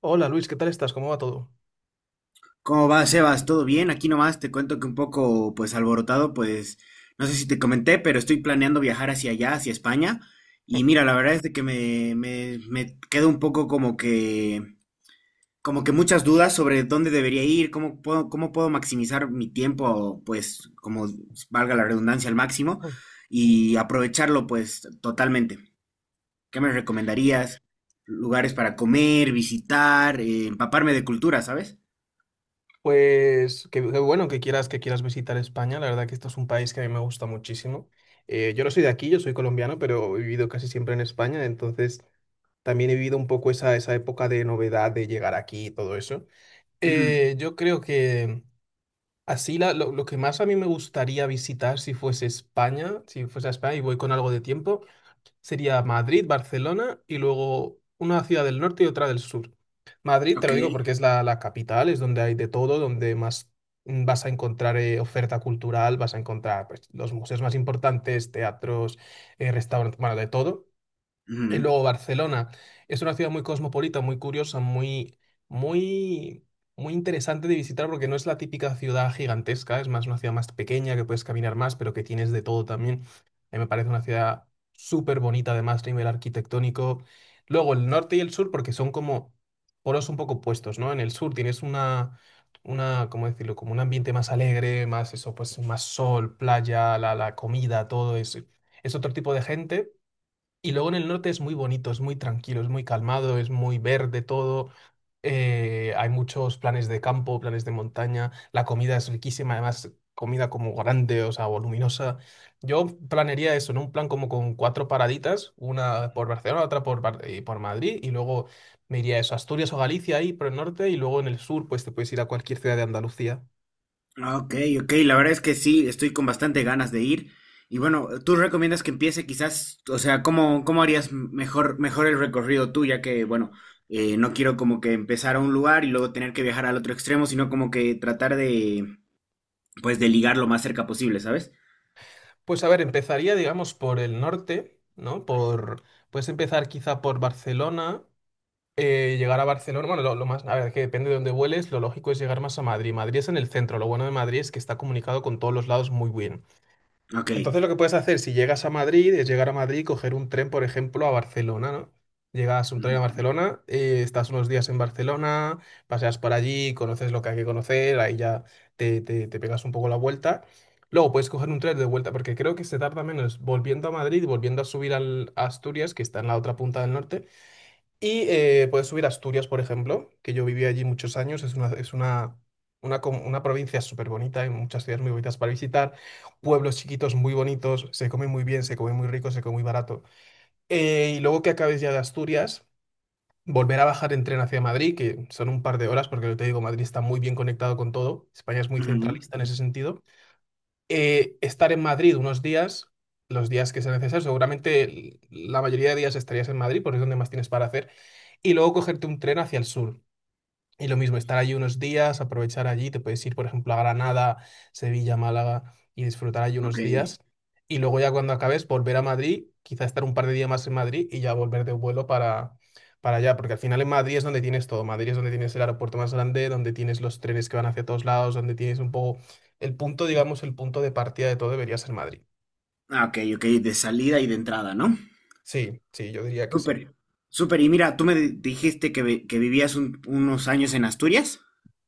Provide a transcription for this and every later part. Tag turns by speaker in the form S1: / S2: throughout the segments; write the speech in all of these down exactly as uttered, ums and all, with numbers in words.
S1: Hola Luis, ¿qué tal estás? ¿Cómo va todo?
S2: ¿Cómo va, Sebas? ¿Todo bien? Aquí nomás te cuento que un poco, pues, alborotado, pues, no sé si te comenté, pero estoy planeando viajar hacia allá, hacia España. Y mira, la verdad es de que me, me, me quedo un poco como que, como que muchas dudas sobre dónde debería ir, cómo puedo, cómo puedo maximizar mi tiempo, pues, como valga la redundancia, al máximo
S1: Hola.
S2: y aprovecharlo, pues, totalmente. ¿Qué me recomendarías? Lugares para comer, visitar, eh, empaparme de cultura, ¿sabes?
S1: Pues qué, qué bueno que quieras que quieras visitar España. La verdad que esto es un país que a mí me gusta muchísimo. Eh, yo no soy de aquí, yo soy colombiano, pero he vivido casi siempre en España, entonces también he vivido un poco esa, esa época de novedad de llegar aquí y todo eso.
S2: Ujú.
S1: Eh, yo creo que así la- lo, lo que más a mí me gustaría visitar si fuese España, si fuese a España y voy con algo de tiempo. Sería Madrid, Barcelona y luego una ciudad del norte y otra del sur. Madrid, te
S2: Ok.
S1: lo digo porque es la, la capital, es donde hay de todo, donde más mm, vas a encontrar, eh, oferta cultural, vas a encontrar, pues, los museos más importantes, teatros, eh, restaurantes, bueno, de todo. Y
S2: Ujú.
S1: luego Barcelona es una ciudad muy cosmopolita, muy curiosa, muy, muy, muy interesante de visitar porque no es la típica ciudad gigantesca, es más una ciudad más pequeña que puedes caminar más, pero que tienes de todo también. A mí me parece una ciudad súper bonita, además, a nivel arquitectónico. Luego el norte y el sur, porque son como polos un poco opuestos, ¿no? En el sur tienes una, una, ¿cómo decirlo? Como un ambiente más alegre, más eso, pues más sol, playa, la, la comida, todo eso. Es otro tipo de gente. Y luego en el norte es muy bonito, es muy tranquilo, es muy calmado, es muy verde todo. Eh, hay muchos planes de campo, planes de montaña. La comida es riquísima, además comida como grande, o sea, voluminosa. Yo planearía eso, ¿no? Un plan como con cuatro paraditas, una por Barcelona, otra por, Bar- eh, por Madrid, y luego me iría a eso, Asturias o Galicia ahí por el norte, y luego en el sur, pues te puedes ir a cualquier ciudad de Andalucía.
S2: Ah, ok, ok, la verdad es que sí, estoy con bastante ganas de ir. Y bueno, ¿tú recomiendas que empiece quizás, o sea, cómo, cómo harías mejor, mejor el recorrido tú, ya que, bueno, eh, no quiero como que empezar a un lugar y luego tener que viajar al otro extremo, sino como que tratar de, pues, de ligar lo más cerca posible, ¿sabes?
S1: Pues a ver, empezaría, digamos, por el norte, ¿no? Por, puedes empezar quizá por Barcelona, eh, llegar a Barcelona, bueno, lo, lo más, a ver, que depende de dónde vueles, lo lógico es llegar más a Madrid. Madrid es en el centro, lo bueno de Madrid es que está comunicado con todos los lados muy bien.
S2: Ok.
S1: Entonces lo que puedes hacer si llegas a Madrid es llegar a Madrid y coger un tren, por ejemplo, a Barcelona, ¿no? Llegas un tren a
S2: Ujú,
S1: Barcelona, eh, estás unos días en Barcelona, paseas por allí, conoces lo que hay que conocer, ahí ya te, te, te pegas un poco la vuelta. Luego puedes coger un tren de vuelta, porque creo que se tarda menos volviendo a Madrid y volviendo a subir al a Asturias, que está en la otra punta del norte y eh, puedes subir a Asturias, por ejemplo, que yo viví allí muchos años. Es una, es una, una, com- una provincia súper bonita, hay muchas ciudades muy bonitas para visitar, pueblos chiquitos muy bonitos, se come muy bien, se come muy rico, se come muy barato. Eh, y luego que acabes ya de Asturias, volver a bajar en tren hacia Madrid, que son un par de horas, porque yo te digo, Madrid está muy bien conectado con todo. España es muy
S2: ujú.
S1: centralista en ese sentido. Eh, estar en Madrid unos días, los días que sea necesario, seguramente l- la mayoría de días estarías en Madrid, porque es donde más tienes para hacer y luego cogerte un tren hacia el sur. Y lo mismo, estar allí unos días, aprovechar allí, te puedes ir, por ejemplo, a Granada, Sevilla, Málaga y disfrutar allí
S2: Ok.
S1: unos días. Y luego ya cuando acabes, volver a Madrid, quizá estar un par de días más en Madrid y ya volver de vuelo para, para allá, porque al final en Madrid es donde tienes todo. Madrid es donde tienes el aeropuerto más grande, donde tienes los trenes que van hacia todos lados, donde tienes un poco el punto, digamos, el punto de partida de todo debería ser Madrid.
S2: Ah, ok, ok, de salida y de entrada, ¿no?
S1: Sí, sí, yo diría que sí.
S2: Súper, súper. Y mira, tú me di- dijiste que, vi- que vivías un- unos años en Asturias.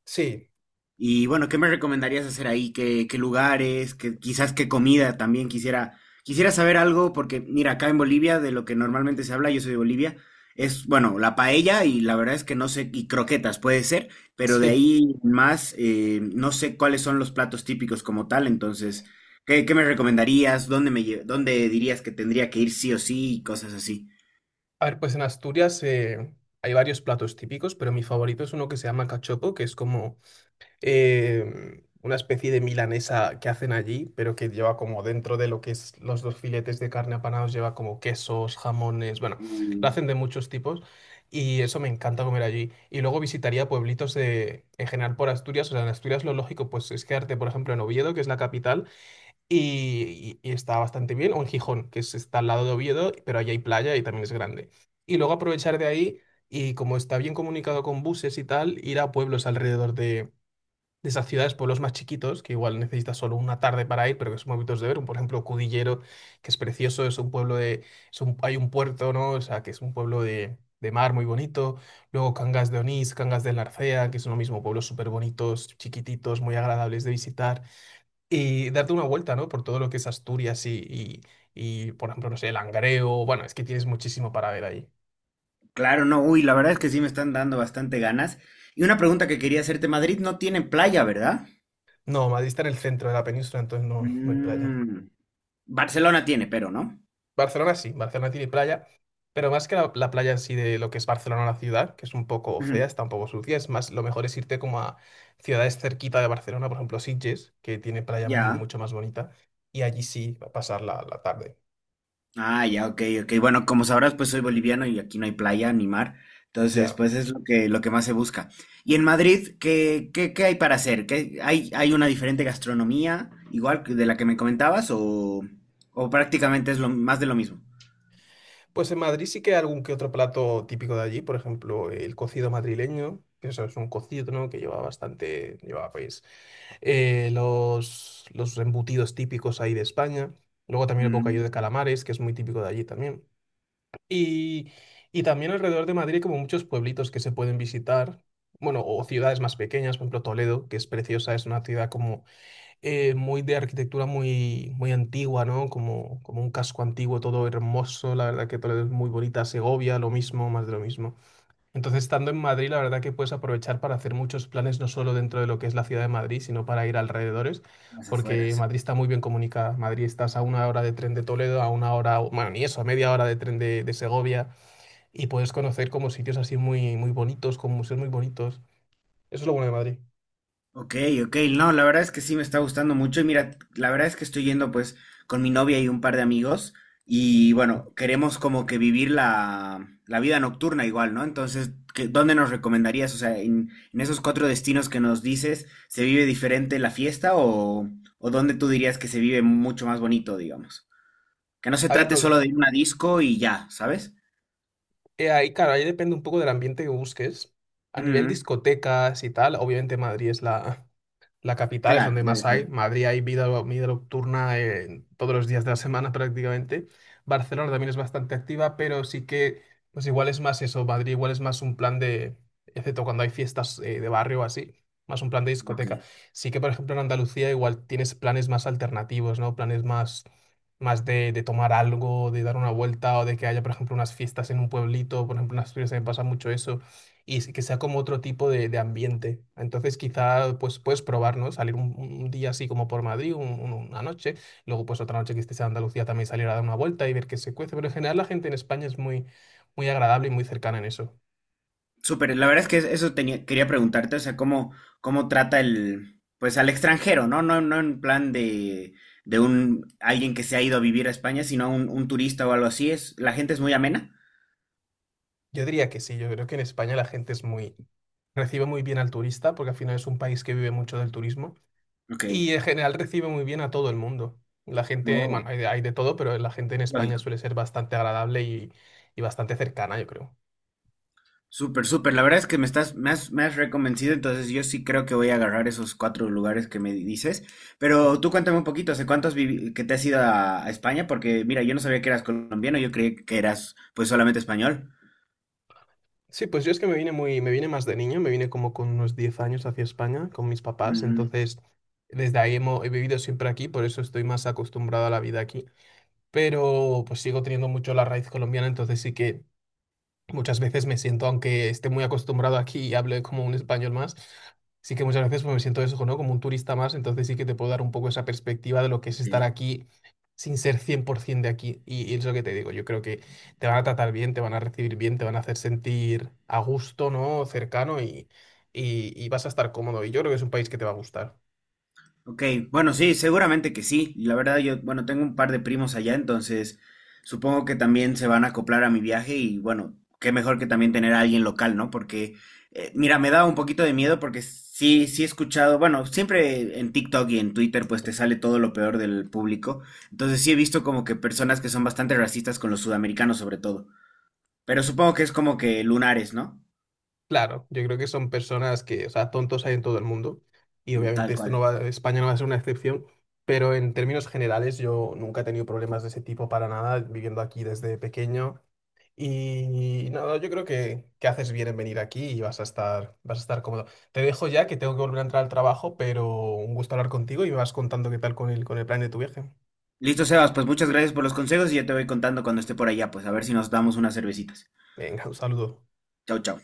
S1: Sí,
S2: Y bueno, ¿qué me recomendarías hacer ahí? ¿Qué, qué lugares? ¿Qué, quizás qué comida también quisiera, quisiera saber algo, porque mira, acá en Bolivia, de lo que normalmente se habla, yo soy de Bolivia, es, bueno, la paella y la verdad es que no sé, y croquetas puede ser, pero de
S1: sí.
S2: ahí en más, eh, no sé cuáles son los platos típicos como tal, entonces, ¿qué, qué me recomendarías? ¿Dónde me, lle- dónde dirías que tendría que ir sí o sí y cosas así?
S1: A ver, pues en Asturias, eh, hay varios platos típicos, pero mi favorito es uno que se llama cachopo, que es como eh, una especie de milanesa que hacen allí, pero que lleva como dentro de lo que es los dos filetes de carne apanados, lleva como quesos, jamones, bueno, lo hacen de muchos tipos y eso me encanta comer allí. Y luego visitaría pueblitos de, en general por Asturias, o sea, en Asturias lo lógico pues es quedarte, por ejemplo, en Oviedo, que es la capital y, y- y está bastante bien, o en Gijón, que es- está al lado de Oviedo, pero allí hay playa y también es grande. Y luego aprovechar de ahí y como está bien comunicado con buses y tal, ir a pueblos alrededor de, de esas ciudades, pueblos más chiquitos, que igual necesitas solo una tarde para ir, pero que son muy bonitos de ver. Por ejemplo, Cudillero, que es precioso, es un pueblo de... es un- hay un puerto, ¿no? O sea, que es un pueblo de... de mar muy bonito, luego Cangas de Onís, Cangas de Narcea, que son lo mismo, pueblos súper bonitos, chiquititos, muy agradables de visitar y darte una vuelta, ¿no? Por todo lo que es Asturias y, y, y, por ejemplo, no sé, el Langreo. Bueno, es que tienes muchísimo para ver ahí.
S2: Claro, no, uy, la verdad es que sí me están dando bastante ganas. Y una pregunta que quería hacerte, Madrid no tiene playa, ¿verdad?
S1: No, Madrid está en el centro de la península, entonces no, no hay playa.
S2: Mm. Barcelona tiene, pero, ¿no?
S1: Barcelona sí, Barcelona tiene playa, pero más que la, la playa en sí de lo que es Barcelona, la ciudad, que es un poco fea,
S2: Ujú.
S1: está un poco sucia, es más, lo mejor es irte como a ciudades cerquita de Barcelona, por ejemplo, Sitges, que tiene playa muy,
S2: Ya.
S1: mucho más bonita, y allí sí, va a pasar la, la tarde.
S2: Ah, ya, ok, ok. Bueno, como sabrás, pues soy boliviano y aquí no hay playa ni mar. Entonces,
S1: Ya.
S2: pues es lo que, lo que más se busca. Y en Madrid, ¿qué, qué, qué hay para hacer? ¿Qué, hay, hay una diferente gastronomía, igual que de la que me comentabas, o, o prácticamente es lo, más de lo mismo?
S1: Pues en Madrid sí que hay algún que otro plato típico de allí, por ejemplo, el cocido madrileño, que eso es un cocido, ¿no? Que lleva bastante, lleva pues, eh, los, los embutidos típicos ahí de España. Luego también el bocadillo de
S2: Mm,
S1: calamares, que es muy típico de allí también. Y, y también alrededor de Madrid hay como muchos pueblitos que se pueden visitar, bueno, o ciudades más pequeñas, por ejemplo Toledo, que es preciosa, es una ciudad como eh, muy de arquitectura muy, muy antigua, ¿no? Como, como un casco antiguo, todo hermoso, la verdad que todo es muy bonita, Segovia, lo mismo, más de lo mismo. Entonces, estando en Madrid, la verdad que puedes aprovechar para hacer muchos planes, no solo dentro de lo que es la ciudad de Madrid, sino para ir alrededores,
S2: las
S1: porque
S2: afueras.
S1: Madrid está muy bien comunicada. Madrid estás a una hora de tren de Toledo, a una hora, o- bueno, ni eso, a media hora de tren de, de Segovia, y puedes conocer como sitios así muy, muy bonitos, con museos muy bonitos. Eso es lo bueno de Madrid.
S2: Ok, ok, no, la verdad es que sí me está gustando mucho y mira, la verdad es que estoy yendo pues con mi novia y un par de amigos y bueno, queremos como que vivir la, la vida nocturna igual, ¿no? Entonces, ¿qué, dónde nos recomendarías? O sea, en, en esos cuatro destinos que nos dices, ¿se vive diferente la fiesta o, o dónde tú dirías que se vive mucho más bonito, digamos? Que no se
S1: A ver,
S2: trate solo de
S1: ¿dónde?
S2: ir a una disco y ya, ¿sabes?
S1: Eh, ahí, claro, ahí depende un poco del ambiente que busques. A nivel
S2: Ujú,
S1: discotecas y tal, obviamente Madrid es la, la capital, es
S2: claro,
S1: donde
S2: debe
S1: más hay.
S2: ser.
S1: Madrid hay vida, vida nocturna, eh, todos los días de la semana prácticamente. Barcelona también es bastante activa, pero sí que, pues igual es más eso. Madrid igual es más un plan de, excepto cuando hay fiestas, eh, de barrio o así, más un plan de
S2: Ok.
S1: discoteca. Sí que, por ejemplo, en Andalucía igual tienes planes más alternativos, ¿no? Planes más, más de, de tomar algo, de dar una vuelta o de que haya, por ejemplo, unas fiestas en un pueblito. Por ejemplo, en Asturias se me pasa mucho eso y s- que sea como otro tipo de, de ambiente. Entonces quizá pues puedes probar, ¿no? Salir un, un día así como por Madrid, un- un- una noche, luego pues otra noche que estés en Andalucía también salir a dar una vuelta y ver qué se cuece, pero en general la gente en España es muy, muy agradable y muy cercana en eso.
S2: Súper, la verdad es que eso tenía, quería preguntarte, o sea, cómo, cómo trata el, pues al extranjero, ¿no? No, no en plan de, de un, alguien que se ha ido a vivir a España, sino un, un turista o algo así. Es, la gente es muy amena.
S1: Yo diría que sí, yo creo que en España la gente es muy, recibe muy bien al turista, porque al final es un país que vive mucho del turismo,
S2: Ok,
S1: y en general recibe muy bien a todo el mundo. La gente, bueno,
S2: no,
S1: hay de, hay de todo, pero la gente en España
S2: lógico.
S1: suele ser bastante agradable y, y bastante cercana, yo creo.
S2: Súper, súper, la verdad es que me estás, me has, me has reconvencido, entonces yo sí creo que voy a agarrar esos cuatro lugares que me dices. Pero tú cuéntame un poquito, ¿hace cuántos vivi- que te has ido a, a España? Porque mira, yo no sabía que eras colombiano, yo creí que eras pues solamente español.
S1: Sí, pues yo es que me vine muy, me vine más de niño, me vine como con unos diez años hacia España con mis papás,
S2: Mm,
S1: entonces desde ahí hemo- he vivido siempre aquí, por eso estoy más acostumbrado a la vida aquí, pero pues sigo teniendo mucho la raíz colombiana, entonces sí que muchas veces me siento, aunque esté muy acostumbrado aquí y hable como un español más, sí que muchas veces pues, me siento eso, ¿no? Como un turista más, entonces sí que te puedo dar un poco esa perspectiva de lo que es
S2: ok.
S1: estar aquí sin ser cien por ciento de aquí. Y, y es lo que te digo, yo creo que te van a tratar bien, te van a recibir bien, te van a hacer sentir a gusto, ¿no? Cercano y, y, y vas a estar cómodo. Y yo creo que es un país que te va a gustar.
S2: Ok, bueno, sí, seguramente que sí. La verdad, yo, bueno, tengo un par de primos allá, entonces supongo que también se van a acoplar a mi viaje y bueno, qué mejor que también tener a alguien local, ¿no? Porque, eh, mira, me da un poquito de miedo porque sí, sí he escuchado, bueno, siempre en TikTok y en Twitter pues te sale todo lo peor del público. Entonces sí he visto como que personas que son bastante racistas con los sudamericanos sobre todo. Pero supongo que es como que lunares, ¿no?
S1: Claro, yo creo que son personas que, o sea, tontos hay en todo el mundo y
S2: Tal
S1: obviamente esto no
S2: cual.
S1: va, España no va a ser una excepción, pero en términos generales yo nunca he tenido problemas de ese tipo para nada viviendo aquí desde pequeño y nada, yo creo que, que haces bien en venir aquí y vas a estar, vas a estar cómodo. Te dejo ya que tengo que volver a entrar al trabajo, pero un gusto hablar contigo y me vas contando qué tal con el, con el plan de tu viaje.
S2: Listo, Sebas, pues muchas gracias por los consejos y ya te voy contando cuando esté por allá, pues a ver si nos damos unas cervecitas.
S1: Venga, un saludo.
S2: Chao, chao.